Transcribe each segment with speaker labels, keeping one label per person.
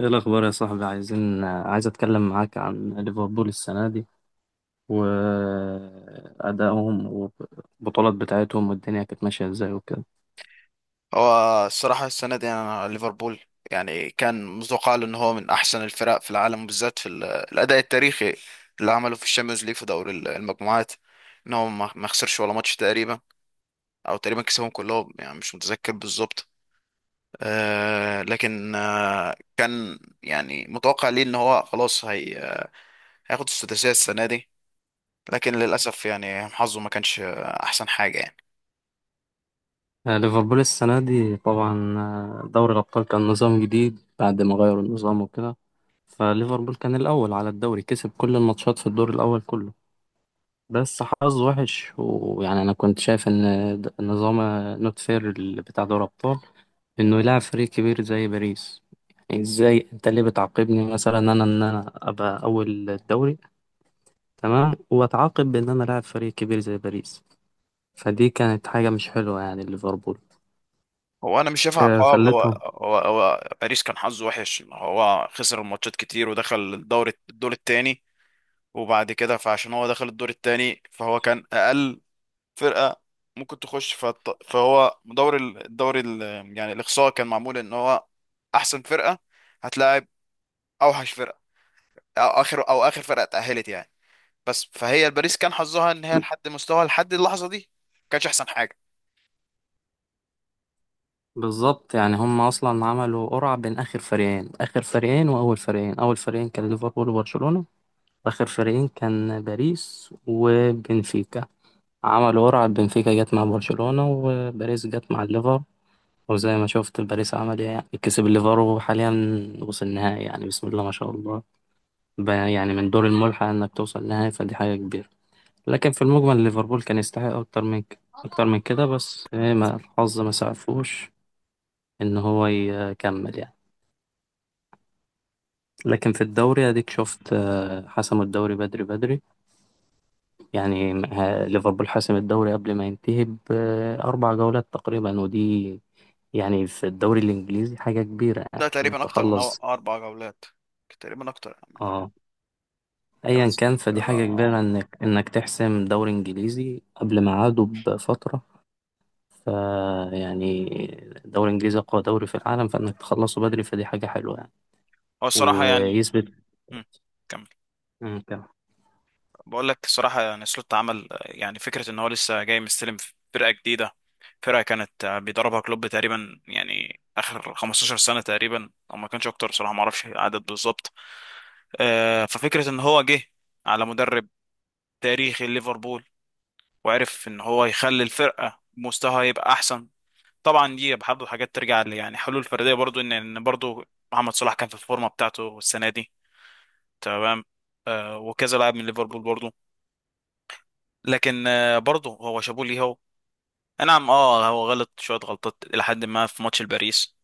Speaker 1: ايه الاخبار يا صاحبي؟ عايز اتكلم معاك عن ليفربول السنه دي وادائهم والبطولات بتاعتهم والدنيا كانت ماشيه ازاي وكده.
Speaker 2: هو الصراحة السنة دي أنا ليفربول، يعني كان متوقع له إن هو من أحسن الفرق في العالم، بالذات في الأداء التاريخي اللي عمله في الشامبيونز ليج في دوري المجموعات، إن هو ما خسرش ولا ماتش تقريبا، أو تقريبا كسبهم كلهم، يعني مش متذكر بالظبط. لكن كان يعني متوقع ليه إن هو خلاص هياخد السداسية السنة دي، لكن للأسف يعني حظه ما كانش أحسن حاجة يعني.
Speaker 1: ليفربول السنه دي طبعا، دوري الابطال كان نظام جديد بعد ما غيروا النظام وكده. فليفربول كان الاول على الدوري، كسب كل الماتشات في الدور الاول كله، بس حظ وحش. ويعني انا كنت شايف ان نظام نوت فير بتاع دوري ابطال انه يلعب فريق كبير زي باريس. يعني ازاي انت ليه بتعاقبني؟ مثلا انا ابقى اول الدوري، تمام، واتعاقب بان انا لاعب فريق كبير زي باريس. فدي كانت حاجه مش حلوه يعني ليفربول.
Speaker 2: هو انا مش شايفها عقاب. هو
Speaker 1: خلتهم.
Speaker 2: هو هو باريس كان حظه وحش، هو خسر الماتشات كتير ودخل الدور التاني، وبعد كده فعشان هو دخل الدور التاني فهو كان اقل فرقة ممكن تخش فهو دور يعني الاقصاء كان معمول ان هو احسن فرقة هتلاعب اوحش فرقة، او اخر فرقة اتأهلت يعني. بس فهي الباريس كان حظها ان هي لحد مستوى، لحد اللحظة دي ما كانش احسن حاجة.
Speaker 1: بالظبط، يعني هم اصلا عملوا قرعه بين اخر فريقين واول فريقين. اول فريقين كان ليفربول وبرشلونه، واخر فريقين كان باريس وبنفيكا. عمل قرعة، بنفيكا جت مع برشلونة، وباريس جت مع الليفر. وزي ما شفت باريس عمل ايه، يعني كسب الليفر، وحاليا وصل النهائي، يعني بسم الله ما شاء الله. يعني من دور الملحق انك توصل نهائي، فدي حاجة كبيرة. لكن في المجمل ليفربول كان يستحق اكتر من اكتر من كده، بس ايه، ما الحظ ما سعفوش ان هو يكمل يعني. لكن في الدوري اديك شفت، حسموا الدوري بدري بدري. يعني ليفربول حاسم الدوري قبل ما ينتهي ب4 جولات تقريبا، ودي يعني في الدوري الإنجليزي حاجة كبيرة،
Speaker 2: ده
Speaker 1: يعني إنك
Speaker 2: تقريبا اكتر من
Speaker 1: تخلص.
Speaker 2: 4 جولات، تقريبا اكتر.
Speaker 1: اه.
Speaker 2: يا
Speaker 1: أيا
Speaker 2: بس-
Speaker 1: كان، فدي حاجة
Speaker 2: اه.
Speaker 1: كبيرة إنك تحسم دوري إنجليزي قبل ميعاده بفترة. ف يعني الدوري الإنجليزي أقوى دوري في العالم، فإنك تخلصه بدري فدي حاجة حلوة يعني.
Speaker 2: هو الصراحة يعني.
Speaker 1: ويثبت.
Speaker 2: مم. كمل.
Speaker 1: مم، كمل.
Speaker 2: بقول لك الصراحة يعني سلوت عمل يعني فكرة ان هو لسه جاي مستلم فرقة جديدة، فرقة كانت بيدربها كلوب تقريبا يعني اخر 15 سنة تقريبا، او ما كانش اكتر، صراحة ما اعرفش العدد بالظبط. ففكرة ان هو جه على مدرب تاريخي ليفربول، وعرف ان هو يخلي الفرقة مستواها يبقى احسن. طبعا دي برضه حاجات ترجع ل يعني حلول فردية، برضه ان إن برضه محمد صلاح كان في الفورمة بتاعته السنة دي، تمام، وكذا لاعب من ليفربول برضو. لكن برضو هو شابوه ليه. هو أي نعم، هو غلط شويه غلطات الى حد ما في ماتش الباريس،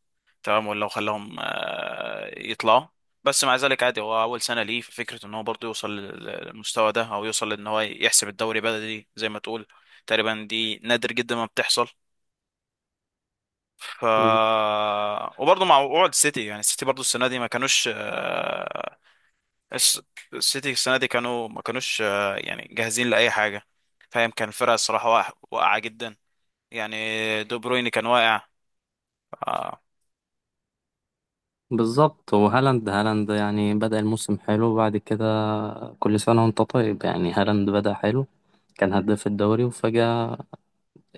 Speaker 2: تمام، ولا خلاهم يطلعوا. بس مع ذلك عادي هو اول سنه ليه، ففكره ان هو برضو يوصل للمستوى ده، او يوصل ان هو يحسب الدوري بدري زي ما تقول، تقريبا دي نادر جدا ما بتحصل. ف، وبرضه مع وقوع السيتي، يعني السيتي برضه السنه دي ما كانوش الس- السيتي السنة دي كانوا ما كانوش يعني جاهزين لأي حاجة، فاهم. كان الفرقة الصراحة واقعة جدا يعني، دو برويني كان واقع. آه،
Speaker 1: بالظبط. وهالاند يعني بدأ الموسم حلو، وبعد كده، كل سنة وانت طيب، يعني هالاند بدأ حلو، كان هداف الدوري، وفجأة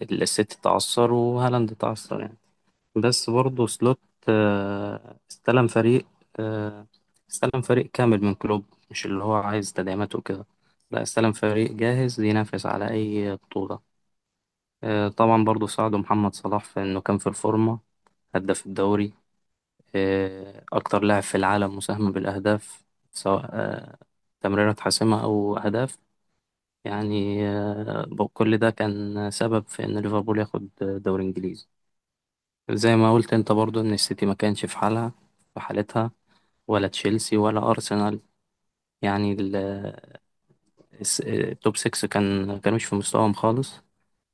Speaker 1: السيتي اتعثر وهالاند اتعثر يعني. بس برضه سلوت، آه، استلم فريق آه، استلم فريق كامل من كلوب، مش اللي هو عايز تدعيمات وكده. لا، استلم فريق جاهز ينافس على أي بطولة. طبعا برضه ساعده محمد صلاح في إنه كان في الفورمة، هداف الدوري، أكتر لاعب في العالم مساهمة بالأهداف، سواء تمريرات حاسمة أو أهداف. يعني كل ده كان سبب في إن ليفربول ياخد دوري إنجليزي. زي ما قلت أنت برضو، إن السيتي ما كانش في حالها في حالتها، ولا تشيلسي ولا أرسنال. يعني التوب 6 كانوش في مستواهم خالص.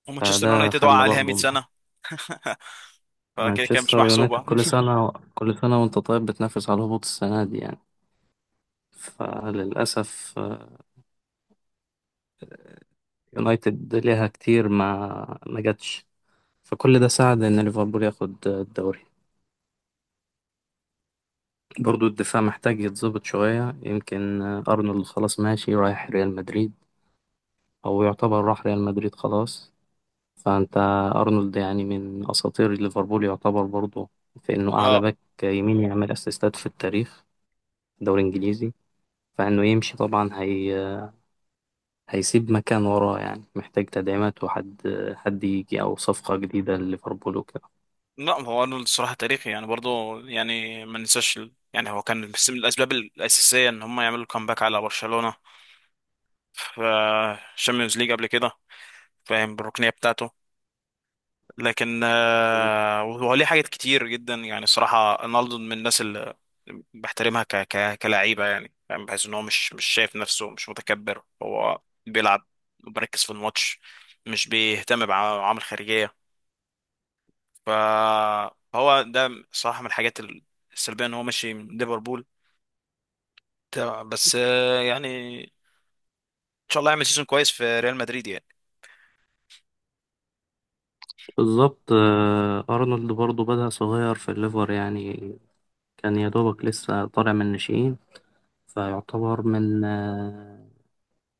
Speaker 2: ومانشستر
Speaker 1: فده
Speaker 2: يونايتد وقع
Speaker 1: خلى
Speaker 2: عليها 100
Speaker 1: برضو
Speaker 2: سنة. فكده كده مش
Speaker 1: مانشستر
Speaker 2: محسوبة.
Speaker 1: يونايتد
Speaker 2: اه
Speaker 1: كل سنة، كل سنة وأنت طيب بتنافس على الهبوط، السنة دي يعني. فللأسف يونايتد ليها كتير ما جاتش. فكل ده ساعد ان ليفربول ياخد الدوري. برضو الدفاع محتاج يتظبط شوية، يمكن ارنولد خلاص ماشي رايح ريال مدريد، او يعتبر راح ريال مدريد خلاص. فانت ارنولد يعني من اساطير ليفربول يعتبر برضو، في انه اعلى
Speaker 2: آه،
Speaker 1: باك يمين يعمل اسيستات في التاريخ دوري انجليزي. فانه يمشي طبعا هيسيب مكان وراه، يعني محتاج تدعيمات، وحد يجي، او صفقة جديدة لليفربول وكده.
Speaker 2: لا هو ارنولد الصراحة تاريخي، يعني برضو يعني ما ننساش يعني هو كان بس من الأسباب الأساسية إن هم يعملوا كامباك على برشلونة في الشامبيونز ليج قبل كده، فاهم، بالركنية بتاعته. لكن وهو ليه حاجات كتير جدا، يعني الصراحة رونالدو من الناس اللي بحترمها ك ك كلاعيبة، يعني بحيث ان هو مش شايف نفسه، مش متكبر. هو بيلعب وبركز في الماتش، مش بيهتم بعوامل خارجية، ف- فهو ده صراحة من الحاجات السلبية ان هو ماشي من ليفربول، تمام، بس يعني ان شاء الله يعمل سيزون كويس في ريال مدريد يعني.
Speaker 1: بالظبط. أرنولد برضه بدأ صغير في الليفر، يعني كان يا دوبك لسه طالع من الناشئين. فيعتبر من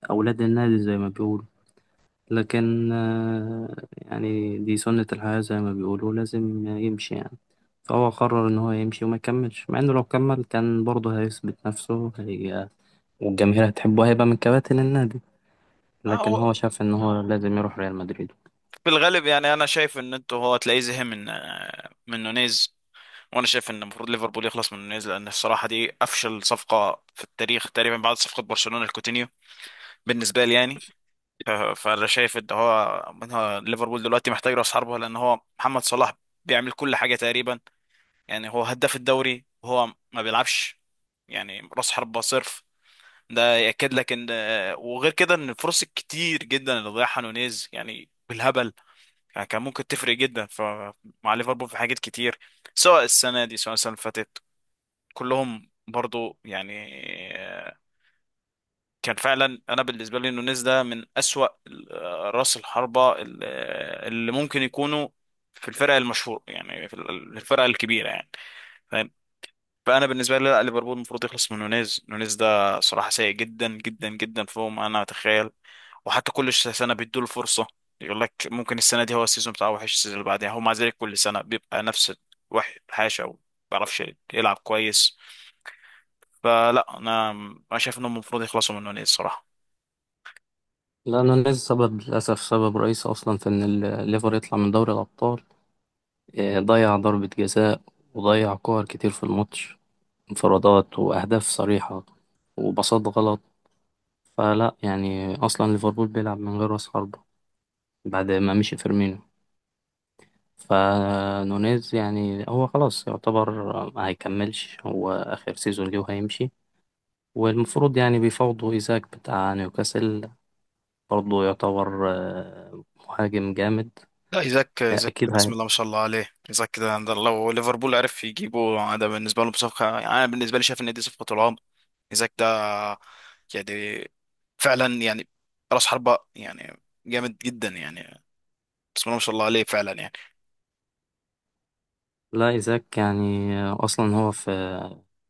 Speaker 1: أولاد النادي زي ما بيقولوا. لكن يعني دي سنة الحياة زي ما بيقولوا، لازم يمشي يعني. فهو قرر إن هو يمشي وما يكملش، مع إنه لو كمل كان برضه هيثبت نفسه، والجماهير هتحبه، هيبقى من كباتن النادي. لكن هو
Speaker 2: هو
Speaker 1: شاف إن هو لازم يروح ريال مدريد.
Speaker 2: في الغالب، يعني انا شايف ان انتوا، هو تلاقيه زهق من من نونيز، وانا شايف ان المفروض ليفربول يخلص من نونيز، لان الصراحه دي افشل صفقه في التاريخ تقريبا بعد صفقه برشلونه لكوتينيو، بالنسبه لي يعني. فانا شايف ان هو، إن هو ليفربول دلوقتي محتاج راس حربه، لان هو محمد صلاح بيعمل كل حاجه تقريبا، يعني هو هداف الدوري وهو ما بيلعبش يعني راس حربه صرف، ده ياكد لك ان، وغير كده ان الفرص الكتير جدا اللي ضيعها نونيز يعني بالهبل، يعني كان ممكن تفرق جدا. فمع ليفربول في حاجات كتير سواء السنه دي سواء السنه اللي فاتت، كلهم برضو يعني، آه، كان فعلا. انا بالنسبه لي نونيز ده من اسوأ راس الحربه اللي ممكن يكونوا في الفرق المشهور، يعني في الفرق الكبيره يعني، فاهم. فانا بالنسبه لي لا، ليفربول المفروض يخلص من نونيز. نونيز ده صراحه سيء جدا جدا جدا فوق ما انا اتخيل. وحتى كل سنه بيدوا له فرصه، يقول لك ممكن السنه دي هو السيزون بتاعه وحش، السيزون اللي بعدها هو مع ذلك كل سنه بيبقى نفس الوحش الحاشا، وما بيعرفش يلعب كويس. فلا، انا شايف انهم المفروض يخلصوا من نونيز الصراحه.
Speaker 1: لأنه نيز سبب، للأسف سبب رئيسي أصلا في إن الليفر يطلع من دوري الأبطال. ضيع ضربة جزاء، وضيع كور كتير في الماتش، انفرادات وأهداف صريحة، وباصات غلط. فلا يعني أصلا ليفربول بيلعب من غير رأس حربة بعد ما مشي فيرمينو. فنونيز يعني هو خلاص يعتبر ما هيكملش، هو آخر سيزون ليه وهيمشي. والمفروض يعني بيفاوضوا إيزاك بتاع نيوكاسل، برضه يعتبر مهاجم جامد.
Speaker 2: لا، ايزاك، ايزاك
Speaker 1: أكيد.
Speaker 2: بسم الله ما شاء الله عليه. ايزاك ده لو ليفربول عرف يجيبه، ده بالنسبه له بصفقه، يعني انا بالنسبه لي شايف ان دي صفقه العام. ايزاك ده يعني فعلا يعني راس حربه يعني جامد جدا يعني، بسم الله ما شاء الله عليه، فعلا يعني.
Speaker 1: لا، إيزاك يعني أصلا هو في،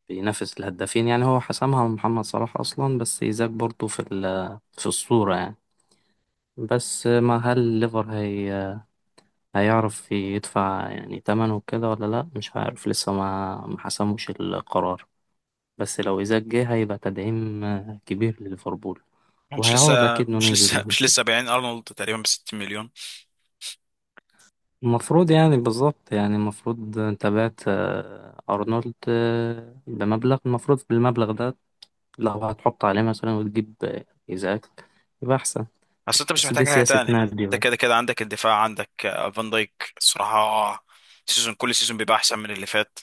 Speaker 1: بينافس الهدافين، يعني هو حسمها من محمد صلاح أصلا. بس إيزاك برضه في الصورة يعني. بس ما هل الليفر هيعرف يدفع يعني تمنه وكده ولا لا؟ مش عارف لسه، ما حسموش القرار. بس لو إيزاك جه هيبقى تدعيم كبير لليفربول،
Speaker 2: هو مش
Speaker 1: وهيعوض
Speaker 2: لسه
Speaker 1: أكيد
Speaker 2: مش
Speaker 1: نونيز
Speaker 2: لسه
Speaker 1: باللون.
Speaker 2: مش لسه بايعين ارنولد تقريبا ب 60 مليون؟
Speaker 1: المفروض يعني، بالظبط يعني، المفروض انت بعت أرنولد بمبلغ، المفروض بالمبلغ ده لو هتحط عليه مثلا وتجيب إزاك يبقى أحسن.
Speaker 2: اصل انت مش
Speaker 1: بس
Speaker 2: محتاج
Speaker 1: دي
Speaker 2: حاجه
Speaker 1: سياسة
Speaker 2: تانية،
Speaker 1: نادي
Speaker 2: انت
Speaker 1: بقى.
Speaker 2: كده كده عندك الدفاع، عندك فان دايك الصراحه، سيزون كل سيزون بيبقى احسن من اللي فات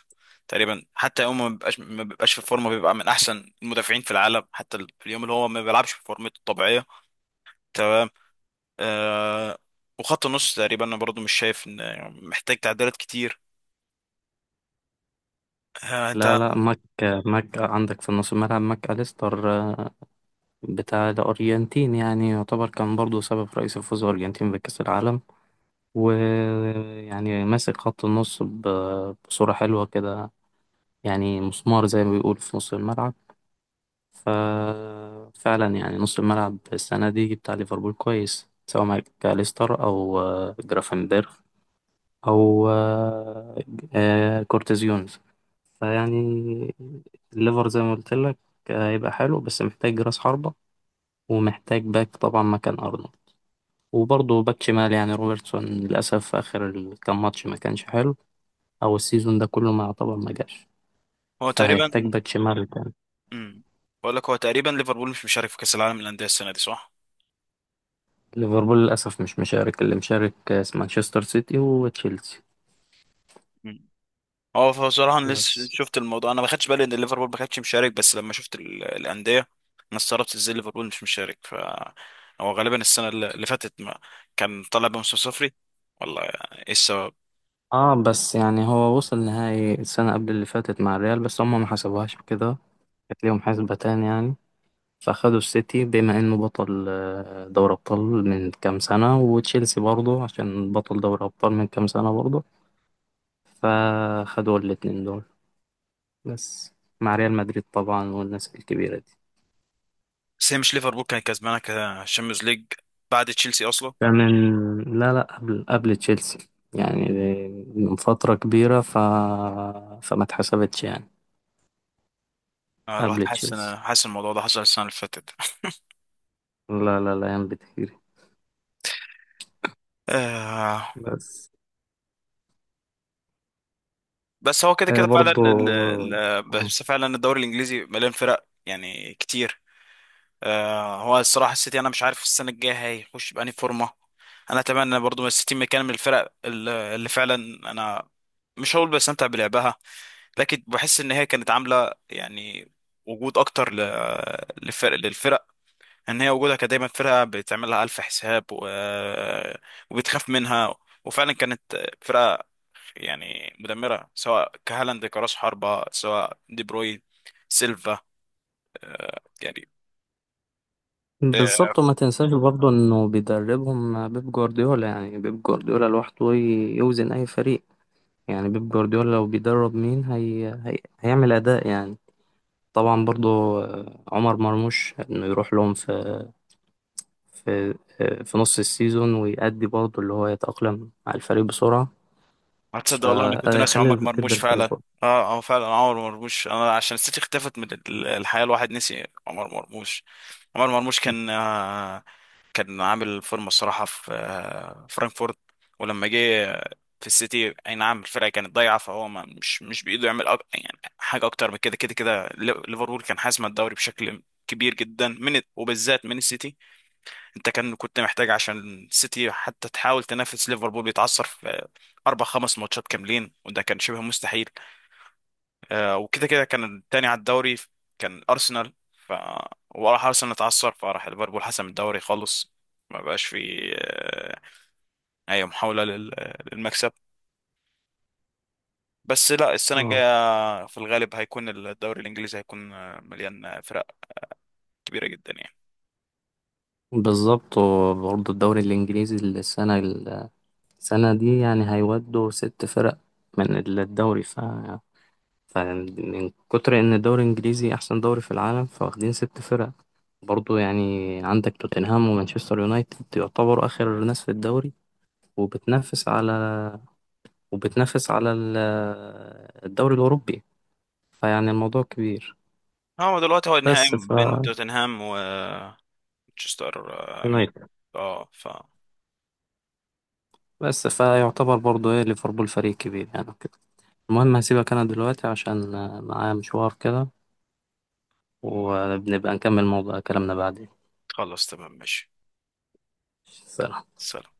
Speaker 2: تقريبا، حتى يوم ما بيبقاش في فورمه بيبقى من احسن المدافعين في العالم، حتى في اليوم اللي هو ما بيلعبش في فورمته الطبيعيه، تمام. آه وخط النص تقريبا انا برضو مش شايف ان محتاج تعديلات كتير.
Speaker 1: لا
Speaker 2: انت،
Speaker 1: لا، ماك عندك في نص الملعب، ماك أليستر بتاع الأرجنتين، يعني يعتبر كان برضو سبب رئيسي في فوز الأرجنتين بكأس العالم، ويعني ماسك خط النص بصورة حلوة كده. يعني مسمار زي ما بيقول في نص الملعب. ففعلا يعني نص الملعب السنة دي بتاع ليفربول كويس، سواء ماك أليستر أو جرافنبرغ او كورتيزيونز. فيعني الليفر زي ما قلت لك هيبقى حلو، بس محتاج راس حربة، ومحتاج باك طبعا مكان أرنولد، وبرضه باك شمال. يعني روبرتسون للأسف في آخر كام ماتش ما كانش حلو، أو السيزون ده كله ما يعتبر ما جاش.
Speaker 2: هو تقريبا.
Speaker 1: فهيحتاج باك شمال تاني.
Speaker 2: مم. بقول لك هو تقريبا ليفربول مش مشارك في كاس العالم للانديه السنه دي، صح؟
Speaker 1: ليفربول للأسف مش مشارك، اللي مشارك مانشستر سيتي وتشيلسي.
Speaker 2: اه فصراحة انا لسه
Speaker 1: بس،
Speaker 2: شفت الموضوع، انا ما خدتش بالي ان ليفربول ما كانتش مشارك، بس لما شفت الاندية انا استغربت ازاي ليفربول مش مشارك، هو غالبا السنة اللي فاتت ما كان طالع بموسم صفري. والله ايه السبب؟
Speaker 1: اه، بس يعني هو وصل نهائي السنة قبل اللي فاتت مع الريال، بس هم ما حسبوهاش كده، كانت ليهم حسبتان يعني. فأخدوا السيتي بما إنه بطل دوري أبطال من كام سنة، وتشيلسي برضه عشان بطل دوري أبطال من كام سنة برضه. فأخدوا الاتنين دول، بس مع ريال مدريد طبعا والناس الكبيرة دي.
Speaker 2: بس هي مش ليفربول كانت كسبانة كشامبيونز ليج بعد تشيلسي اصلا؟
Speaker 1: ده من، لا لا، قبل تشيلسي يعني، من فترة كبيرة فما اتحسبتش يعني.
Speaker 2: الواحد
Speaker 1: قبل تشيلسي،
Speaker 2: حاسس الموضوع ده حصل السنة اللي فاتت.
Speaker 1: لا لا لا، أيام بتهيري.
Speaker 2: آه،
Speaker 1: بس
Speaker 2: بس هو كده كده فعلا
Speaker 1: برضه آه،
Speaker 2: بس فعلا الدوري الانجليزي مليان فرق يعني كتير. هو الصراحة السيتي أنا مش عارف السنة الجاية هيخش بأنهي فورمة. أنا أتمنى برضو من السيتي، مكان من الفرق اللي فعلا، أنا مش هقول بستمتع بلعبها، لكن بحس إن هي كانت عاملة يعني وجود أكتر للفرق، إن هي وجودها كان دايما فرقة بتعملها ألف حساب، وبتخاف منها، وفعلا كانت فرقة يعني مدمرة، سواء كهالاند كراس حربة سواء دي بروين، سيلفا، يعني آه،
Speaker 1: بالظبط. وما تنساش برضه انه بيدربهم بيب جوارديولا، يعني بيب جوارديولا لوحده يوزن اي فريق. يعني بيب جوارديولا لو بيدرب مين هيعمل اداء يعني. طبعا برضه عمر مرموش انه يروح لهم في في نص السيزون، ويأدي برضه اللي هو يتأقلم مع الفريق بسرعة.
Speaker 2: هتصدق والله انا كنت ناسي عمر
Speaker 1: فخلي، ادى
Speaker 2: مرموش فعلا.
Speaker 1: الفريق برضه.
Speaker 2: اه فعلا عمر مرموش، انا عشان السيتي اختفت من الحياه الواحد نسي عمر مرموش. عمر مرموش كان كان عامل فورمه الصراحه في فرانكفورت. ولما جه في السيتي، اي نعم الفرقه كانت ضايعه، فهو ما مش مش بايده يعمل يعني حاجه اكتر من كده. كده كده ليفربول كان حاسم الدوري بشكل كبير جدا، من وبالذات من السيتي، انت كنت محتاج عشان السيتي حتى تحاول تنافس، ليفربول بيتعثر في 4 أو 5 ماتشات كاملين، وده كان شبه مستحيل. وكده كده كان التاني على الدوري كان ارسنال، وراح ارسنال اتعثر، فراح ليفربول حسم الدوري خالص، ما بقاش في آه، اي محاولة للمكسب. بس لا السنة
Speaker 1: آه.
Speaker 2: الجاية في الغالب هيكون الدوري الانجليزي، هيكون مليان فرق كبيرة جدا يعني.
Speaker 1: بالظبط. وبرضه الدوري الإنجليزي السنة دي يعني هيودوا 6 فرق من الدوري. فمن كتر إن الدوري الإنجليزي أحسن دوري في العالم، فواخدين 6 فرق برضه يعني. عندك توتنهام ومانشستر يونايتد يعتبروا آخر ناس في الدوري، وبتنافس على وبتنافس على الدوري الأوروبي. فيعني الموضوع كبير.
Speaker 2: هو دلوقتي هو النهائي
Speaker 1: بس
Speaker 2: بين توتنهام ومانشستر يونايتد.
Speaker 1: يونايتد،
Speaker 2: اه ف
Speaker 1: بس فيعتبر برضه إيه، ليفربول فريق كبير يعني. المهم، هسيبك أنا دلوقتي عشان معايا مشوار كده، وبنبقى نكمل موضوع كلامنا بعدين.
Speaker 2: خلاص تمام ماشي.
Speaker 1: سلام.
Speaker 2: سلام.